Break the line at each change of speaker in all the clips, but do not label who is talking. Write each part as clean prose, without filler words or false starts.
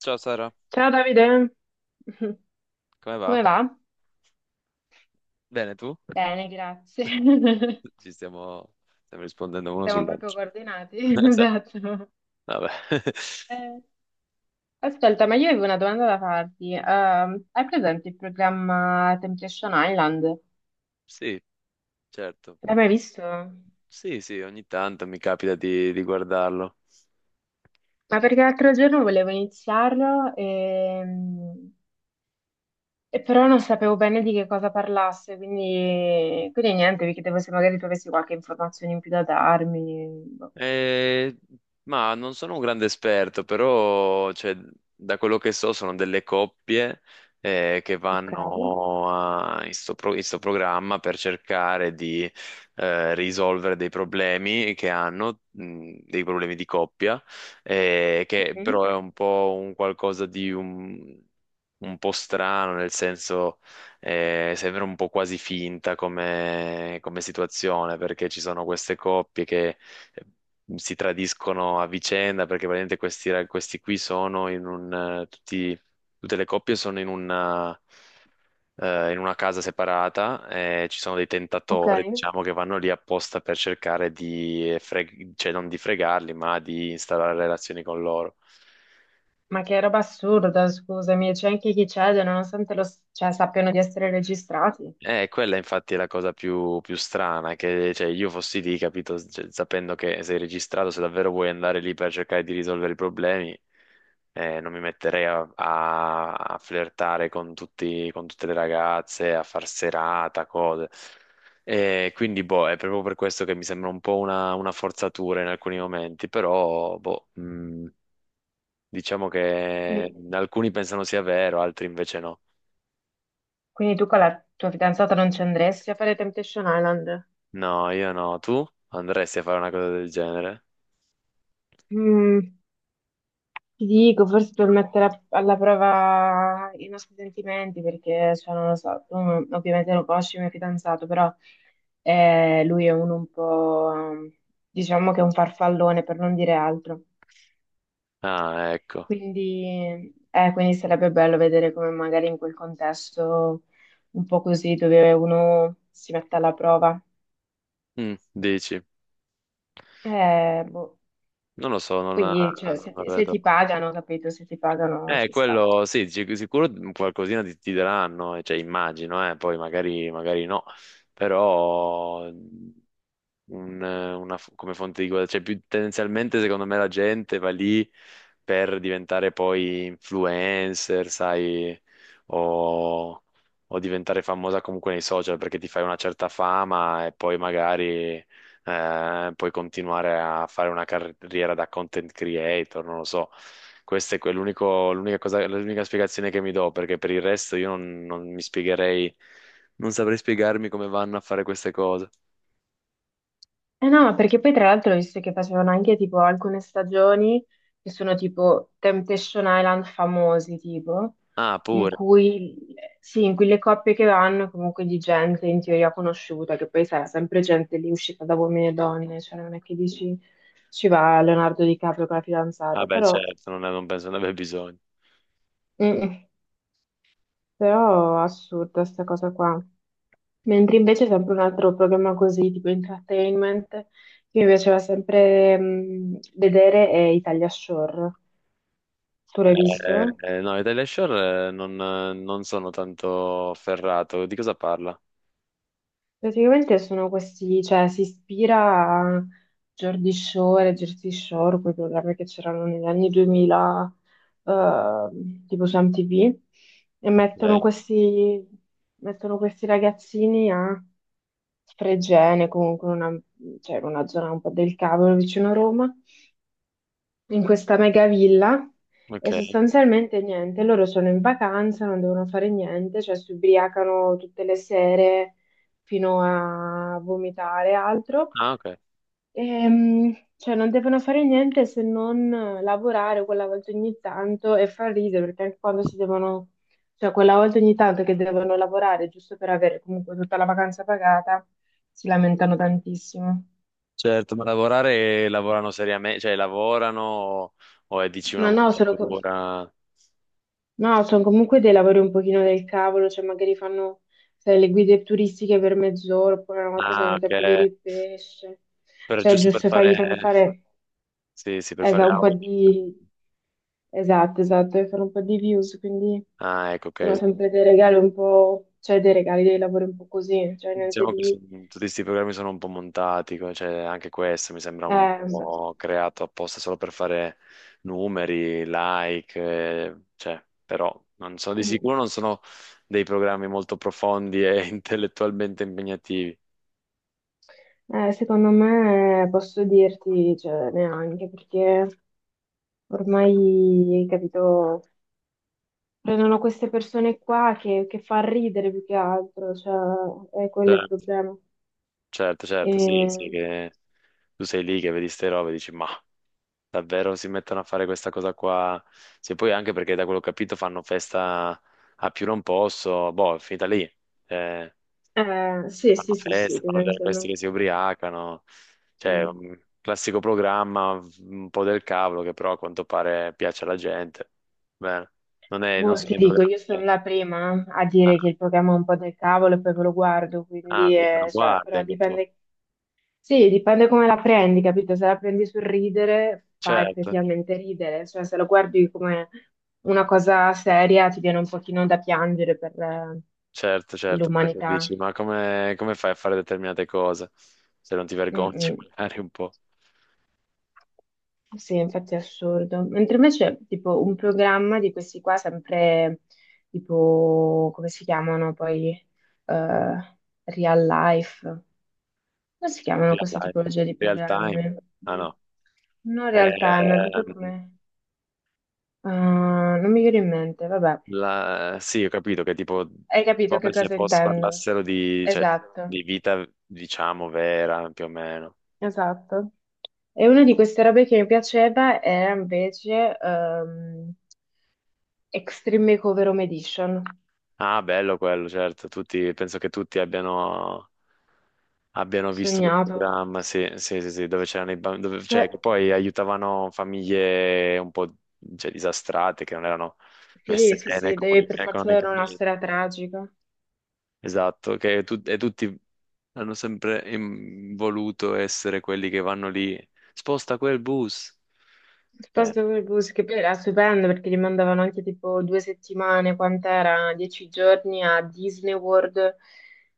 Ciao Sara,
Ciao Davide,
come va?
come va?
Bene, tu?
Bene, grazie.
Ci stiamo, stiamo rispondendo uno
Siamo proprio
sull'altro.
coordinati.
Esatto.
Esatto.
Vabbè.
Eh, ascolta, ma io avevo una domanda da farti. Hai presente il programma Temptation Island?
Sì, certo.
L'hai mai visto?
Sì, sì, ogni tanto mi capita di guardarlo.
Ma perché l'altro giorno volevo iniziarlo e però non sapevo bene di che cosa parlasse, quindi niente, vi chiedevo se magari tu avessi qualche informazione in più da darmi. Boh.
Eh, ma non sono un grande esperto, però cioè, da quello che so sono delle coppie che
Ok.
in sto, in sto programma per cercare di risolvere dei problemi che hanno, dei problemi di coppia, che
Mhm.
però è un po' un qualcosa di un po' strano, nel senso sembra un po' quasi finta come come situazione, perché ci sono queste coppie che si tradiscono a vicenda perché praticamente questi, questi qui sono in un tutte le coppie sono in una casa separata e ci sono dei
Ok.
tentatori, diciamo, che vanno lì apposta per cercare di cioè non di fregarli, ma di instaurare relazioni con loro.
Ma che roba assurda, scusami, c'è anche chi cede nonostante lo, cioè, sappiano di essere registrati.
E quella infatti è la cosa più, più strana, che cioè, io fossi lì, capito, cioè, sapendo che sei registrato, se davvero vuoi andare lì per cercare di risolvere i problemi, non mi metterei a, a flirtare con con tutte le ragazze, a far serata, cose. E quindi, boh, è proprio per questo che mi sembra un po' una forzatura in alcuni momenti, però, boh, diciamo che
Quindi,
alcuni pensano sia vero, altri invece no.
quindi tu con la tua fidanzata non ci andresti a fare Temptation Island?
No, io no. Tu andresti a fare una cosa del genere?
Mm, ti dico, forse per mettere alla prova i nostri sentimenti, perché, cioè, non lo so, tu ovviamente lo conosci il mio fidanzato, però lui è uno un po', diciamo che è un farfallone, per non dire altro.
Ah, ecco.
Quindi sarebbe bello vedere come magari in quel contesto un po' così dove uno si mette alla prova.
Mm, dici?
Boh.
Non lo so, non la,
Poi, cioè,
non
se
la
ti, se
vedo.
ti pagano, capito? Se ti pagano ci sta.
Quello sì, sicuro qualcosina ti, ti daranno, cioè immagino, poi magari, magari no, però una come fonte di guadagno, cioè più tendenzialmente secondo me la gente va lì per diventare poi influencer, sai, o, o diventare famosa comunque nei social perché ti fai una certa fama e poi magari puoi continuare a fare una carriera da content creator, non lo so. Questa è l'unica cosa, l'unica spiegazione che mi do, perché per il resto io non, non mi spiegherei, non saprei spiegarmi come vanno a fare queste cose.
Eh no, ma perché poi tra l'altro ho visto che facevano anche tipo alcune stagioni che sono tipo Temptation Island famosi, tipo,
Ah,
in
pure.
cui, sì, in cui le coppie che vanno comunque di gente in teoria conosciuta, che poi sarà sempre gente lì uscita da uomini e donne, cioè non è che dici ci va Leonardo DiCaprio con la
Ah
fidanzata,
beh,
però,
certo, non, non penso ne abbia bisogno.
mm, mm, però assurda sta cosa qua. Mentre invece sempre un altro programma così, tipo entertainment, che mi piaceva sempre vedere è Italia Shore. Tu l'hai visto?
Eh, no, Italia Shore non, non sono tanto ferrato. Di cosa parla?
Praticamente sono questi, cioè si ispira a Jordi Shore, e Jersey Shore, quei programmi che c'erano negli anni 2000, eh, tipo su MTV, e mettono
Ok,
questi, mettono questi ragazzini a Fregene, comunque una, cioè, una zona un po' del cavolo vicino a Roma, in questa mega villa
ok.
e sostanzialmente niente, loro sono in vacanza, non devono fare niente, cioè si ubriacano tutte le sere fino a vomitare e altro,
Ah, ok.
e, cioè non devono fare niente se non lavorare quella volta ogni tanto e far ridere, perché anche quando si devono, cioè quella volta ogni tanto che devono lavorare giusto per avere comunque tutta la vacanza pagata, si lamentano tantissimo.
Certo, ma lavorare, lavorano seriamente, cioè lavorano o è dici una
Ma no, sono,
montatura?
No, sono comunque dei lavori un pochino del cavolo, cioè magari fanno sai, le guide turistiche per mezz'ora, oppure una volta sono
Ah,
andati
ok.
a pulire il pesce,
Per,
cioè
giusto per
giusto
fare.
gli fanno fare
Sì, sì, per fare
un po'
audit.
di... Esatto, esatto, e fare un po' di views, quindi
Ah, ecco, ok.
sono sempre dei regali un po', cioè dei regali, dei lavori un po' così, cioè niente
Diciamo che
di...
tutti questi programmi sono un po' montati, cioè anche questo mi sembra un
eh,
po' creato apposta solo per fare numeri, like, cioè, però non sono di
mm.
sicuro non sono dei programmi molto profondi e intellettualmente impegnativi.
Secondo me posso dirti, cioè, neanche perché ormai, capito, prendono queste persone qua che fa ridere più che altro, cioè è quello il
Certo,
problema.
certo, certo, sì, sì,
E-
che tu sei lì che vedi ste robe e dici, ma. Davvero si mettono a fare questa cosa qua. Sì, poi anche perché da quello che ho capito fanno festa a più non posso. Boh, è finita lì. Eh,
sì,
fanno
sì, sì,
festa,
sì,
fanno vedere questi che
tendenzialmente.
si ubriacano. Cioè,
Mm.
un classico programma, un po' del cavolo, che però a quanto pare piace alla gente. Bene. Non
Boh,
sono
ti
i
dico,
programmi
io sono
che...
la prima a
Ah,
dire che il programma è un po' del cavolo e poi ve lo guardo,
ah,
quindi,
quindi lo
cioè,
guardi
però
anche tu.
dipende, sì, dipende come la prendi, capito? Se la prendi sul ridere, fa
Certo,
effettivamente ridere, cioè se lo guardi come una cosa seria ti viene un pochino da piangere per
certo, certo, perché
l'umanità.
dici, ma come, come fai a fare determinate cose? Se non ti vergogni
Mm-mm.
magari un po'.
Sì, infatti è assurdo. Mentre invece, tipo, un programma di questi qua, sempre, tipo, come si chiamano poi, eh, Real Life? Come si chiamano
Real
questa
life.
tipologia di
Real time.
programmi?
Ah no.
Non real time, è proprio
Ehm,
come... Ah, non mi viene in mente, vabbè.
Sì, ho capito che tipo
Hai capito che
come se
cosa
fosse
intendo?
parlassero di, cioè,
Esatto.
di vita, diciamo, vera, più o meno.
Esatto. E una di queste robe che mi piaceva era invece Extreme Makeover Home Edition.
Ah, bello quello, certo. Tutti, penso che tutti abbiano, abbiano visto quel
Sognato.
programma, sì, sì, sì, sì, dove c'erano i bambini, cioè,
Beh,
che poi aiutavano famiglie un po', cioè, disastrate, che non erano
sì,
messe
sì,
bene
sì, deve per forza avere una
economicamente.
storia tragica.
Esatto, e tutti hanno sempre voluto essere quelli che vanno lì, sposta quel bus. Eh.
Piuttosto che Goose, che poi era stupendo perché li mandavano anche tipo 2 settimane, quant'era? 10 giorni a Disney World.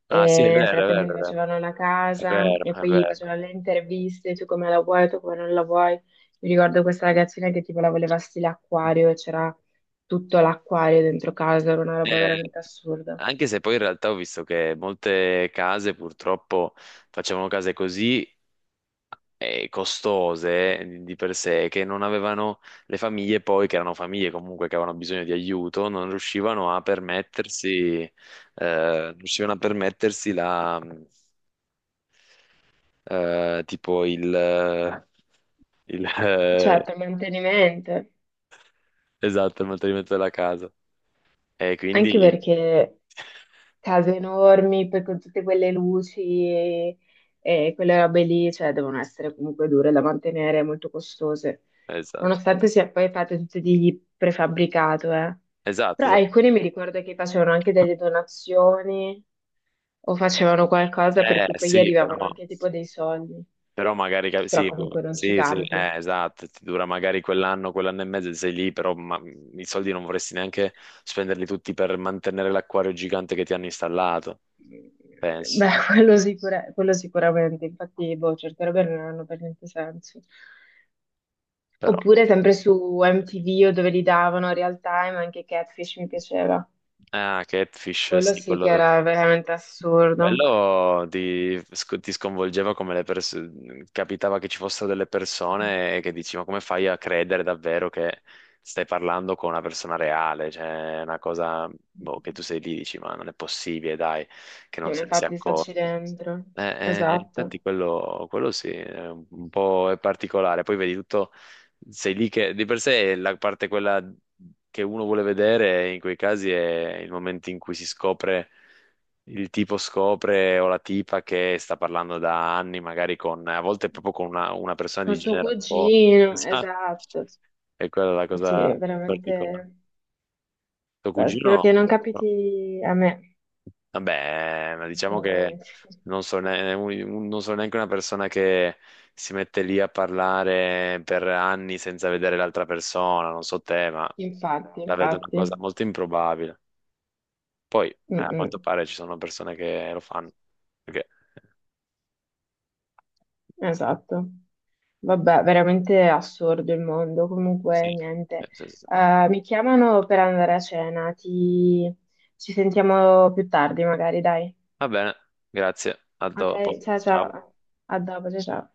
Ah sì, è
E nel
vero, è
frattempo
vero,
gli
è vero,
facevano la
è
casa
vero,
e
è
poi gli
vero.
facevano le interviste, tu come la vuoi, tu come non la vuoi. Mi ricordo questa ragazzina che tipo la voleva stile acquario e c'era tutto l'acquario dentro casa, era una roba
Eh,
veramente assurda.
anche se poi in realtà ho visto che molte case purtroppo facevano case così costose di per sé che non avevano le famiglie poi, che erano famiglie comunque che avevano bisogno di aiuto, non riuscivano a permettersi, non riuscivano a permettersi la, tipo il,
Cioè, per mantenimento,
esatto, il mantenimento della casa. E
anche
quindi,
perché case enormi, poi con tutte quelle luci e, e quelle robe lì, cioè devono essere comunque dure da mantenere, molto costose,
esatto,
nonostante sia poi fatto tutto di prefabbricato, eh.
esatto,
Però
esatto.
alcuni mi ricordo che facevano anche delle donazioni o facevano qualcosa per
Eh
cui poi gli
sì, però.
arrivavano anche tipo dei soldi,
Però magari
però
sì,
comunque non ci
sì, sì,
campi.
esatto, ti dura magari quell'anno, quell'anno e mezzo e sei lì, però i soldi non vorresti neanche spenderli tutti per mantenere l'acquario gigante che ti hanno installato, penso.
Beh, quello, quello sicuramente, infatti, boh, certe robe non hanno per niente senso.
Però,
Oppure sempre su MTV o dove li davano Real Time, anche Catfish mi piaceva.
ah, Catfish,
Quello
sì,
sì che
quello
era veramente assurdo.
Bello ti, ti sconvolgeva come le persone, capitava che ci fossero delle persone che dici, ma come fai a credere davvero che stai parlando con una persona reale? Cioè, è una cosa, boh, che tu sei lì, dici, ma non è possibile, dai, che
Sì,
non
ma
se ne sia
infatti staci
accorto.
dentro.
Infatti
Esatto.
quello, quello sì, è un po' è particolare, poi vedi tutto, sei lì che di per sé la parte quella che uno vuole vedere in quei casi è il momento in cui si scopre, il tipo scopre o la tipa che sta parlando da anni, magari con, a volte proprio con una persona
Con
di
suo
genere un po'...
cugino,
Esatto.
esatto.
E quella è la
Sì, è
cosa particolare.
veramente.
Tuo
Beh, spero
cugino?
che non
No?
capiti a me.
Vabbè, ma diciamo che
Veramente.
non sono, non sono neanche una persona che si mette lì a parlare per anni senza vedere l'altra persona, non so te, ma
Infatti,
la vedo una
infatti.
cosa molto improbabile. Poi,
Mm,
a quanto
mm.
pare ci sono persone che lo fanno. Perché-
Esatto. Vabbè, veramente assurdo il mondo. Comunque,
Sì, sì,
niente.
sì, sì.
Mi chiamano per andare a cena. Ti... Ci sentiamo più tardi, magari, dai.
Va bene, grazie, a
Ok,
dopo.
ciao
Ciao.
ciao. A dopo, ciao ciao.